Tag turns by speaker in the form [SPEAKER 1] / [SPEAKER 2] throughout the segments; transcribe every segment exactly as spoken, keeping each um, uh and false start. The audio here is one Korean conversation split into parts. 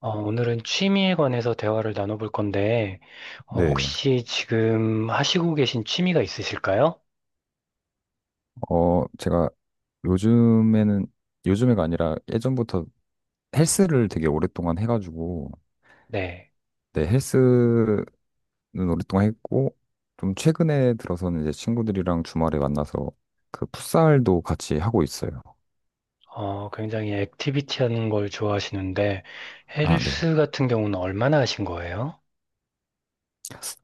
[SPEAKER 1] 어, 오늘은 취미에 관해서 대화를 나눠볼 건데, 어,
[SPEAKER 2] 네,
[SPEAKER 1] 혹시 지금 하시고 계신 취미가 있으실까요?
[SPEAKER 2] 어, 제가 요즘에는, 요즘에가 아니라 예전부터 헬스를 되게 오랫동안 해가지고,
[SPEAKER 1] 네.
[SPEAKER 2] 네, 헬스는 오랫동안 했고, 좀 최근에 들어서는 이제 친구들이랑 주말에 만나서 그 풋살도 같이 하고 있어요.
[SPEAKER 1] 어, 굉장히 액티비티 하는 걸 좋아하시는데,
[SPEAKER 2] 아, 네.
[SPEAKER 1] 헬스 같은 경우는 얼마나 하신 거예요?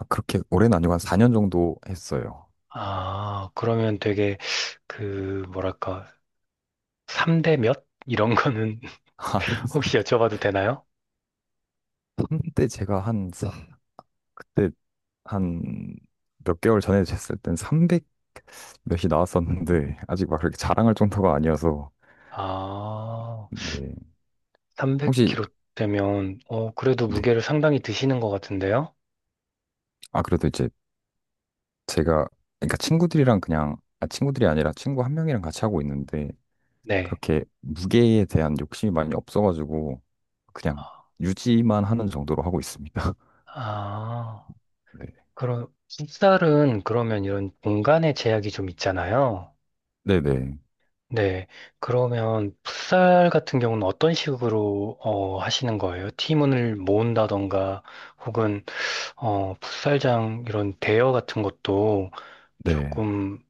[SPEAKER 2] 아, 그렇게 오래는 아니고 한 사 년 정도 했어요.
[SPEAKER 1] 아, 그러면 되게, 그, 뭐랄까, 삼 대 몇? 이런 거는
[SPEAKER 2] 한,
[SPEAKER 1] 혹시 여쭤봐도 되나요?
[SPEAKER 2] 한때 제가 한, 사- 그때 한 몇 개월 전에 됐을 땐 삼백 몇이 나왔었는데, 아직 막 그렇게 자랑할 정도가 아니어서,
[SPEAKER 1] 아,
[SPEAKER 2] 네. 혹시
[SPEAKER 1] 삼백 킬로그램 되면, 어, 그래도
[SPEAKER 2] 네.
[SPEAKER 1] 무게를 상당히 드시는 것 같은데요?
[SPEAKER 2] 아 그래도 이제 제가 그러니까 친구들이랑 그냥 아 친구들이 아니라 친구 한 명이랑 같이 하고 있는데
[SPEAKER 1] 네.
[SPEAKER 2] 그렇게 무게에 대한 욕심이 많이 없어가지고 그냥 유지만 하는 정도로 하고 있습니다.
[SPEAKER 1] 아.
[SPEAKER 2] 네.
[SPEAKER 1] 그런 풋살은 그러면 이런 공간의 제약이 좀 있잖아요.
[SPEAKER 2] 네네.
[SPEAKER 1] 네. 그러면 풋살 같은 경우는 어떤 식으로 어, 하시는 거예요? 팀원을 모은다던가 혹은 어, 풋살장 이런 대여 같은 것도
[SPEAKER 2] 네.
[SPEAKER 1] 조금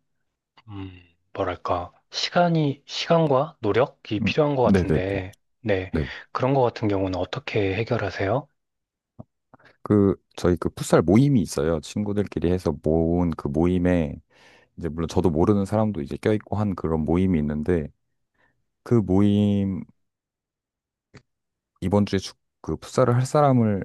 [SPEAKER 1] 음, 뭐랄까 시간이 시간과 노력이
[SPEAKER 2] 음,
[SPEAKER 1] 필요한 것
[SPEAKER 2] 네네네.
[SPEAKER 1] 같은데 네.
[SPEAKER 2] 네.
[SPEAKER 1] 그런 것 같은 경우는 어떻게 해결하세요?
[SPEAKER 2] 그 저희 그 풋살 모임이 있어요. 친구들끼리 해서 모은 그 모임에 이제 물론 저도 모르는 사람도 이제 껴있고 한 그런 모임이 있는데 그 모임 이번 주에 축- 그 풋살을 할 사람을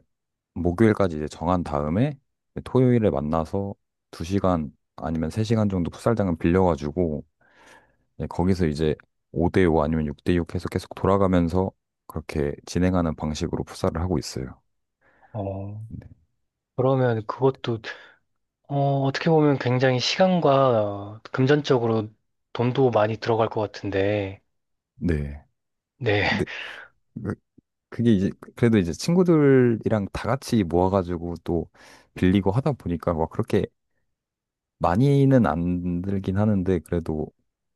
[SPEAKER 2] 목요일까지 이제 정한 다음에 토요일에 만나서 두 시간 아니면 세 시간 정도 풋살장을 빌려가지고 이제 거기서 이제 오 대오 아니면 육 대육 해서 계속 돌아가면서 그렇게 진행하는 방식으로 풋살을 하고 있어요.
[SPEAKER 1] 어,
[SPEAKER 2] 네.
[SPEAKER 1] 그러면 그것도 어, 어떻게 보면 굉장히 시간과 금전적으로 돈도 많이 들어갈 것 같은데,
[SPEAKER 2] 네.
[SPEAKER 1] 네,
[SPEAKER 2] 근데 그- 그게 이제 그래도 이제 친구들이랑 다 같이 모아가지고 또 빌리고 하다 보니까 막 그렇게 많이는 안 들긴 하는데 그래도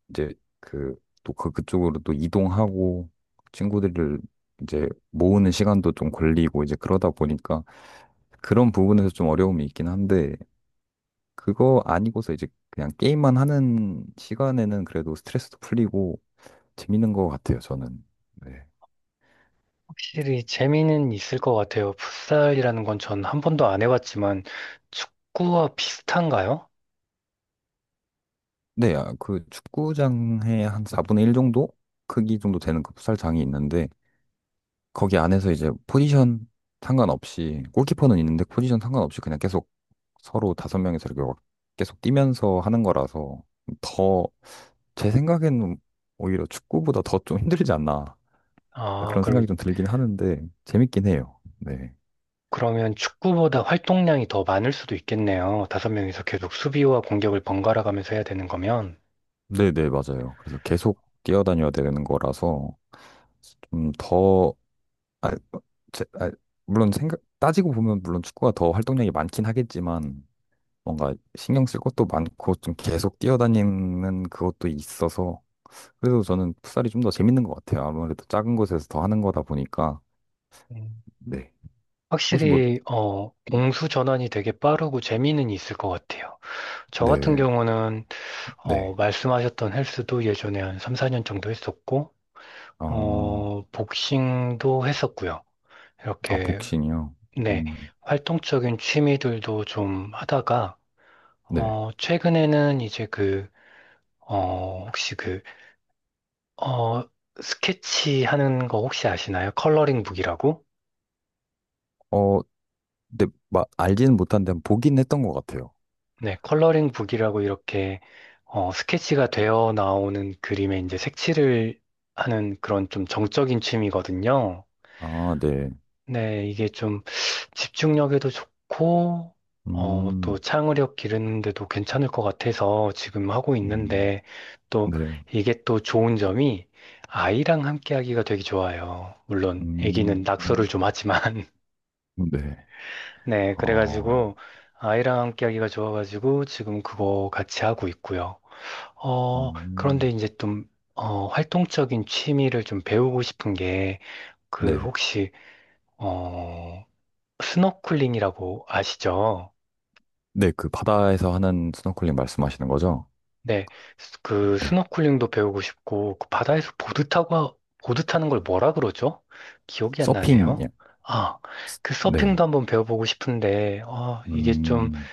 [SPEAKER 2] 이제 그 또 그 그쪽으로 또 이동하고 친구들을 이제 모으는 시간도 좀 걸리고 이제 그러다 보니까 그런 부분에서 좀 어려움이 있긴 한데 그거 아니고서 이제 그냥 게임만 하는 시간에는 그래도 스트레스도 풀리고 재밌는 것 같아요, 저는. 네.
[SPEAKER 1] 확실히 재미는 있을 것 같아요. 풋살이라는 건 전 한 번도 안 해봤지만, 축구와 비슷한가요?
[SPEAKER 2] 네, 아, 그 축구장에 한 사분의 일 정도 크기 정도 되는 그 풋살장이 있는데 거기 안에서 이제 포지션 상관없이 골키퍼는 있는데 포지션 상관없이 그냥 계속 서로 다섯 명이서 이렇게 막 계속 뛰면서 하는 거라서 더 제 생각에는 오히려 축구보다 더 좀 힘들지 않나
[SPEAKER 1] 아,
[SPEAKER 2] 그런
[SPEAKER 1] 그럼,
[SPEAKER 2] 생각이 좀 들긴 하는데 재밌긴 해요. 네.
[SPEAKER 1] 그러면 축구보다 활동량이 더 많을 수도 있겠네요. 다섯 명이서 계속 수비와 공격을 번갈아 가면서 해야 되는 거면.
[SPEAKER 2] 네네, 맞아요. 그래서 계속 뛰어다녀야 되는 거라서 좀 더, 아, 제, 아, 물론 생각, 따지고 보면 물론 축구가 더 활동량이 많긴 하겠지만 뭔가 신경 쓸 것도 많고 좀 계속 뛰어다니는 그것도 있어서 그래서 저는 풋살이 좀 더 재밌는 것 같아요. 아무래도 작은 곳에서 더 하는 거다 보니까
[SPEAKER 1] 음,
[SPEAKER 2] 네. 혹시 뭐
[SPEAKER 1] 확실히 어, 공수 전환이 되게 빠르고 재미는 있을 것 같아요. 저 같은
[SPEAKER 2] 네,
[SPEAKER 1] 경우는 어,
[SPEAKER 2] 네.
[SPEAKER 1] 말씀하셨던 헬스도 예전에 한 삼, 사 년 정도 했었고
[SPEAKER 2] 어,
[SPEAKER 1] 어, 복싱도 했었고요.
[SPEAKER 2] 아
[SPEAKER 1] 이렇게
[SPEAKER 2] 복싱이요.
[SPEAKER 1] 네,
[SPEAKER 2] 음,
[SPEAKER 1] 활동적인 취미들도 좀 하다가
[SPEAKER 2] 네.
[SPEAKER 1] 어, 최근에는 이제 그, 어, 혹시 그, 어, 스케치 하는 거 혹시 아시나요? 컬러링 북이라고?
[SPEAKER 2] 어, 네, 막 알지는 못한데 보긴 했던 것 같아요.
[SPEAKER 1] 네, 컬러링 북이라고 이렇게, 어, 스케치가 되어 나오는 그림에 이제 색칠을 하는 그런 좀 정적인 취미거든요.
[SPEAKER 2] 아, 네.
[SPEAKER 1] 네, 이게 좀 집중력에도 좋고, 어, 또
[SPEAKER 2] 음,
[SPEAKER 1] 창의력 기르는데도 괜찮을 것 같아서 지금 하고
[SPEAKER 2] 음,
[SPEAKER 1] 있는데, 또
[SPEAKER 2] 네.
[SPEAKER 1] 이게 또 좋은 점이 아이랑 함께 하기가 되게 좋아요. 물론
[SPEAKER 2] 음,
[SPEAKER 1] 아기는 낙서를 좀 하지만,
[SPEAKER 2] 네.
[SPEAKER 1] 네,
[SPEAKER 2] 어,
[SPEAKER 1] 그래가지고 아이랑 함께 하기가 좋아가지고 지금 그거 같이 하고 있고요. 어, 그런데
[SPEAKER 2] 음,
[SPEAKER 1] 이제 좀, 어, 활동적인 취미를 좀 배우고 싶은 게, 그
[SPEAKER 2] 네.
[SPEAKER 1] 혹시, 어, 스노클링이라고 아시죠?
[SPEAKER 2] 네, 그 바다에서 하는 스노클링 말씀하시는 거죠?
[SPEAKER 1] 네, 스- 그
[SPEAKER 2] 네.
[SPEAKER 1] 스노클링도 배우고 싶고 그 바다에서 보드 타고 보드 타는 걸 뭐라 그러죠? 기억이 안
[SPEAKER 2] 서핑, 예.
[SPEAKER 1] 나네요.
[SPEAKER 2] 요
[SPEAKER 1] 아, 그
[SPEAKER 2] 네.
[SPEAKER 1] 서핑도 한번 배워보고 싶은데 어, 이게 좀
[SPEAKER 2] 음,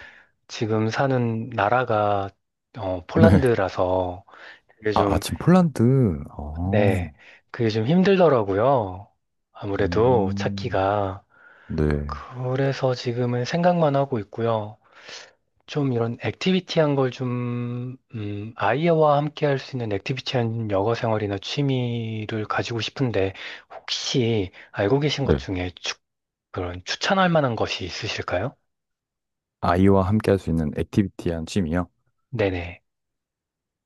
[SPEAKER 1] 지금 사는 나라가 어,
[SPEAKER 2] 네.
[SPEAKER 1] 폴란드라서 그게
[SPEAKER 2] 아, 아,
[SPEAKER 1] 좀,
[SPEAKER 2] 지금 폴란드. 아,
[SPEAKER 1] 네, 그게 좀 힘들더라고요. 아무래도
[SPEAKER 2] 음,
[SPEAKER 1] 찾기가.
[SPEAKER 2] 네.
[SPEAKER 1] 그래서 지금은 생각만 하고 있고요. 좀 이런 액티비티한 걸 좀, 음, 아이와 함께 할 수 있는 액티비티한 여가 생활이나 취미를 가지고 싶은데, 혹시 알고 계신 것
[SPEAKER 2] 네.
[SPEAKER 1] 중에 추, 그런 추천할 만한 것이 있으실까요?
[SPEAKER 2] 아이와 함께 할 수 있는 액티비티한 취미요?
[SPEAKER 1] 네네.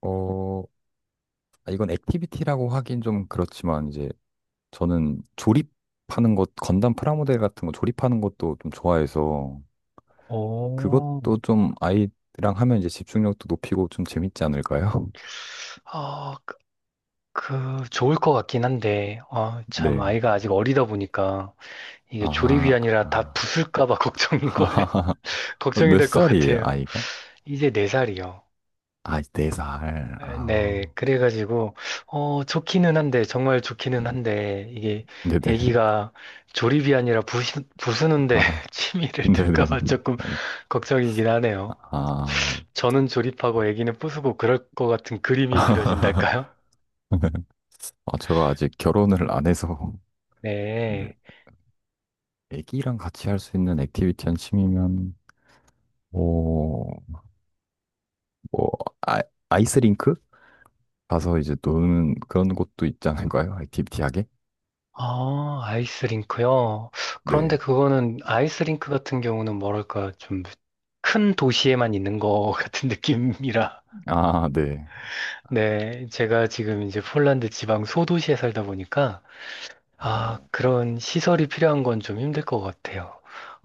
[SPEAKER 2] 어, 아, 이건 액티비티라고 하긴 좀 그렇지만, 이제 저는 조립하는 것, 건담 프라모델 같은 거 조립하는 것도 좀 좋아해서,
[SPEAKER 1] 오,
[SPEAKER 2] 그것도 좀 아이랑 하면 이제 집중력도 높이고 좀 재밌지 않을까요?
[SPEAKER 1] 아 그, 그 좋을 것 같긴 한데, 아 참,
[SPEAKER 2] 네.
[SPEAKER 1] 아이가 아직 어리다 보니까, 이게
[SPEAKER 2] 아,
[SPEAKER 1] 조립이 아니라 다
[SPEAKER 2] 아.
[SPEAKER 1] 부술까 봐 걱정인 거예요. 걱정이
[SPEAKER 2] 몇
[SPEAKER 1] 될 것
[SPEAKER 2] 살이에요,
[SPEAKER 1] 같아요.
[SPEAKER 2] 아이가?
[SPEAKER 1] 이제 네 살이요.
[SPEAKER 2] 아, 네 살.
[SPEAKER 1] 아, 네,
[SPEAKER 2] 아,
[SPEAKER 1] 그래가지고, 어, 좋기는 한데, 정말 좋기는 한데, 이게
[SPEAKER 2] 네네.
[SPEAKER 1] 애기가 조립이 아니라 부시, 부수는데
[SPEAKER 2] 아,
[SPEAKER 1] 취미를
[SPEAKER 2] 네네.
[SPEAKER 1] 들까봐 조금 걱정이긴 하네요.
[SPEAKER 2] 아,
[SPEAKER 1] 저는 조립하고 애기는 부수고 그럴 것 같은 그림이 그려진달까요?
[SPEAKER 2] 아, 제가 아직 결혼을 안 해서, 근데
[SPEAKER 1] 네.
[SPEAKER 2] 애기랑 같이 할 수 있는 액티비티 한 취미면, 뭐, 뭐, 아, 아이스링크? 가서 이제 노는 그런 곳도 있지 않을까요? 액티비티 하게?
[SPEAKER 1] 아, 아이스링크요. 그런데
[SPEAKER 2] 네.
[SPEAKER 1] 그거는 아이스링크 같은 경우는 뭐랄까, 좀 큰 도시에만 있는 것 같은 느낌이라.
[SPEAKER 2] 아, 네.
[SPEAKER 1] 네, 제가 지금 이제 폴란드 지방 소도시에 살다 보니까, 아,
[SPEAKER 2] 어,
[SPEAKER 1] 그런 시설이 필요한 건 좀 힘들 것 같아요.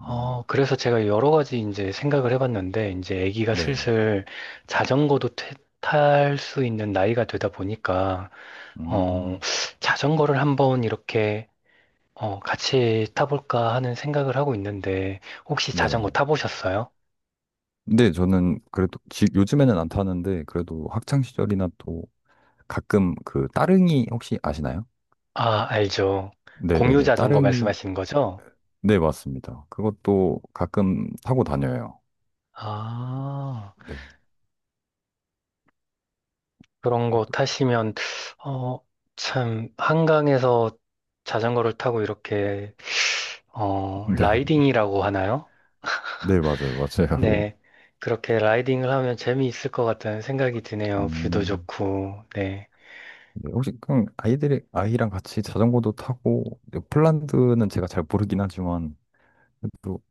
[SPEAKER 2] 음,
[SPEAKER 1] 그래서 제가 여러 가지 이제 생각을 해봤는데, 이제 아기가
[SPEAKER 2] 네.
[SPEAKER 1] 슬슬 자전거도 탈 수 있는 나이가 되다 보니까, 어,
[SPEAKER 2] 음,
[SPEAKER 1] 자전거를 한번 이렇게, 어, 같이 타볼까 하는 생각을 하고 있는데, 혹시
[SPEAKER 2] 네.
[SPEAKER 1] 자전거 타보셨어요?
[SPEAKER 2] 근데 저는 그래도, 지, 요즘에는 안 타는데, 그래도 학창 시절이나 또 가끔 그 따릉이 혹시 아시나요?
[SPEAKER 1] 아, 알죠. 공유
[SPEAKER 2] 네네네.
[SPEAKER 1] 자전거
[SPEAKER 2] 따릉이.
[SPEAKER 1] 말씀하시는 거죠?
[SPEAKER 2] 네, 맞습니다. 그것도 가끔 타고 다녀요.
[SPEAKER 1] 아.
[SPEAKER 2] 네.
[SPEAKER 1] 그런 거
[SPEAKER 2] 그것도-
[SPEAKER 1] 타시면, 어, 참, 한강에서 자전거를 타고 이렇게, 어,
[SPEAKER 2] 네.
[SPEAKER 1] 라이딩이라고 하나요?
[SPEAKER 2] 네, 맞아요. 맞아요.
[SPEAKER 1] 네. 그렇게 라이딩을 하면 재미있을 것 같다는 생각이 드네요. 뷰도
[SPEAKER 2] 음.
[SPEAKER 1] 좋고, 네.
[SPEAKER 2] 네, 혹시 그럼 아이들이 아이랑 같이 자전거도 타고 네, 폴란드는 제가 잘 모르긴 하지만 또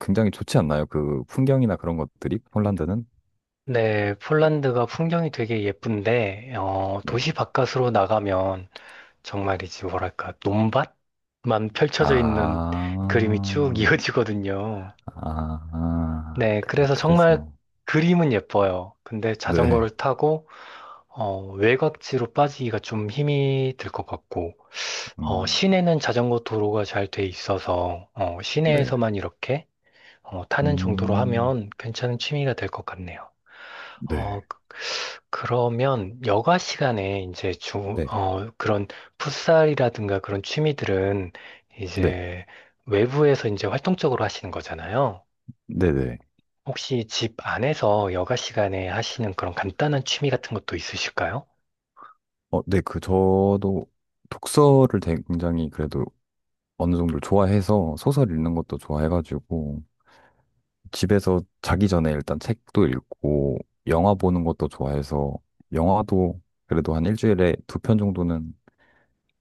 [SPEAKER 2] 굉장히 좋지 않나요? 그 풍경이나 그런 것들이 폴란드는?
[SPEAKER 1] 네, 폴란드가 풍경이 되게 예쁜데, 어, 도시
[SPEAKER 2] 네.
[SPEAKER 1] 바깥으로 나가면 정말이지, 뭐랄까, 논밭만 펼쳐져 있는
[SPEAKER 2] 아.
[SPEAKER 1] 그림이 쭉 이어지거든요.
[SPEAKER 2] 아. 아.
[SPEAKER 1] 네,
[SPEAKER 2] 그,
[SPEAKER 1] 그래서 정말
[SPEAKER 2] 그래서
[SPEAKER 1] 그림은 예뻐요. 근데 자전거를
[SPEAKER 2] 네.
[SPEAKER 1] 타고 어, 외곽지로 빠지기가 좀 힘이 들 것 같고, 어,
[SPEAKER 2] 음.
[SPEAKER 1] 시내는 자전거 도로가 잘 돼 있어서, 어,
[SPEAKER 2] 네.
[SPEAKER 1] 시내에서만 이렇게, 어, 타는 정도로
[SPEAKER 2] 음.
[SPEAKER 1] 하면 괜찮은 취미가 될 것 같네요. 어,
[SPEAKER 2] 네.
[SPEAKER 1] 그- 그러면 여가 시간에 이제 주,
[SPEAKER 2] 네.
[SPEAKER 1] 어, 그런 풋살이라든가 그런 취미들은
[SPEAKER 2] 네.
[SPEAKER 1] 이제 외부에서 이제 활동적으로 하시는 거잖아요.
[SPEAKER 2] 네네.
[SPEAKER 1] 혹시 집 안에서 여가 시간에 하시는 그런 간단한 취미 같은 것도 있으실까요?
[SPEAKER 2] 어, 네. 그, 저도 독서를 되게 굉장히 그래도 어느 정도 좋아해서 소설 읽는 것도 좋아해가지고 집에서 자기 전에 일단 책도 읽고 영화 보는 것도 좋아해서 영화도 그래도 한 일주일에 두 편 정도는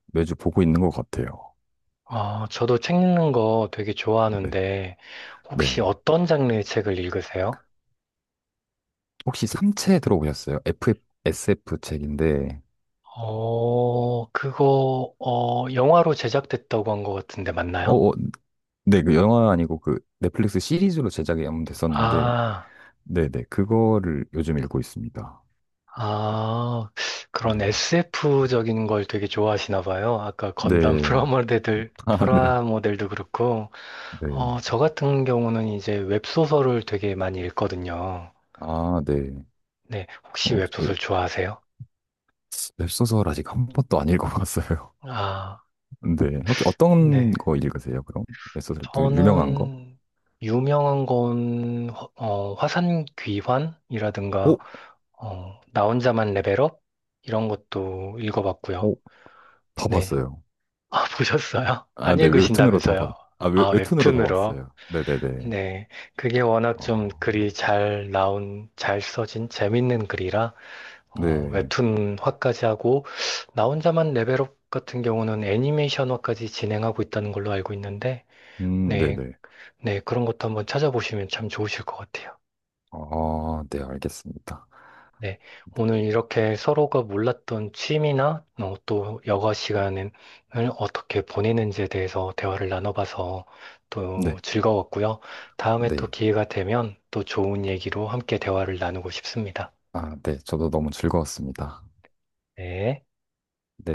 [SPEAKER 2] 매주 보고 있는 것 같아요.
[SPEAKER 1] 아, 저도 책 읽는 거 되게
[SPEAKER 2] 네.
[SPEAKER 1] 좋아하는데, 혹시
[SPEAKER 2] 네.
[SPEAKER 1] 어떤 장르의 책을 읽으세요?
[SPEAKER 2] 혹시 삼체 들어보셨어요? 에프에프 책인데,
[SPEAKER 1] 어, 그거, 어, 영화로 제작됐다고 한 것 같은데 맞나요?
[SPEAKER 2] 어, 어, 네. 그 영화 아니고 그 넷플릭스 시리즈로 제작이 한번 됐었는데
[SPEAKER 1] 아,
[SPEAKER 2] 네네. 그거를 요즘 읽고 있습니다.
[SPEAKER 1] 아, 그런
[SPEAKER 2] 네.
[SPEAKER 1] 에스에프적인 걸 되게 좋아하시나 봐요. 아까 건담
[SPEAKER 2] 네.
[SPEAKER 1] 프라모델들,
[SPEAKER 2] 아, 네.
[SPEAKER 1] 프라모델도 그렇고,
[SPEAKER 2] 네.
[SPEAKER 1] 어, 저 같은 경우는 이제 웹소설을 되게 많이 읽거든요.
[SPEAKER 2] 아, 네.
[SPEAKER 1] 네, 혹시
[SPEAKER 2] 어, 저, 에,
[SPEAKER 1] 웹소설 좋아하세요?
[SPEAKER 2] 웹소설 아직 한 번도 안 읽어봤어요.
[SPEAKER 1] 아,
[SPEAKER 2] 네. 혹시 어떤
[SPEAKER 1] 네.
[SPEAKER 2] 거 읽으세요, 그럼? 웹소설 또 유명한 거?
[SPEAKER 1] 저는 유명한 건 화- 어, 화산 귀환이라든가
[SPEAKER 2] 오,
[SPEAKER 1] 어, 나 혼자만 레벨업 이런 것도 읽어봤고요.
[SPEAKER 2] 오, 다
[SPEAKER 1] 네.
[SPEAKER 2] 봤어요.
[SPEAKER 1] 아, 보셨어요?
[SPEAKER 2] 아,
[SPEAKER 1] 안
[SPEAKER 2] 네. 웹툰으로 다 봤,
[SPEAKER 1] 읽으신다면서요?
[SPEAKER 2] 아,
[SPEAKER 1] 아,
[SPEAKER 2] 웹, 웹툰으로 다
[SPEAKER 1] 웹툰으로.
[SPEAKER 2] 봤어요. 네네네.
[SPEAKER 1] 네. 그게 워낙
[SPEAKER 2] 어,
[SPEAKER 1] 좀 글이 잘 나온, 잘 써진 재밌는 글이라 어,
[SPEAKER 2] 네.
[SPEAKER 1] 웹툰화까지 하고 나 혼자만 레벨업 같은 경우는 애니메이션화까지 진행하고 있다는 걸로 알고 있는데
[SPEAKER 2] 음,
[SPEAKER 1] 네.
[SPEAKER 2] 네네.
[SPEAKER 1] 네, 그런 것도 한번 찾아보시면 참 좋으실 것 같아요.
[SPEAKER 2] 아, 네. 알겠습니다.
[SPEAKER 1] 네,
[SPEAKER 2] 네.
[SPEAKER 1] 오늘 이렇게 서로가 몰랐던 취미나 어, 또 여가 시간을 어떻게 보내는지에 대해서 대화를 나눠봐서
[SPEAKER 2] 네.
[SPEAKER 1] 또 즐거웠고요. 다음에 또
[SPEAKER 2] 네.
[SPEAKER 1] 기회가 되면 또 좋은 얘기로 함께 대화를 나누고 싶습니다.
[SPEAKER 2] 아, 네. 저도 너무 즐거웠습니다.
[SPEAKER 1] 네.
[SPEAKER 2] 네.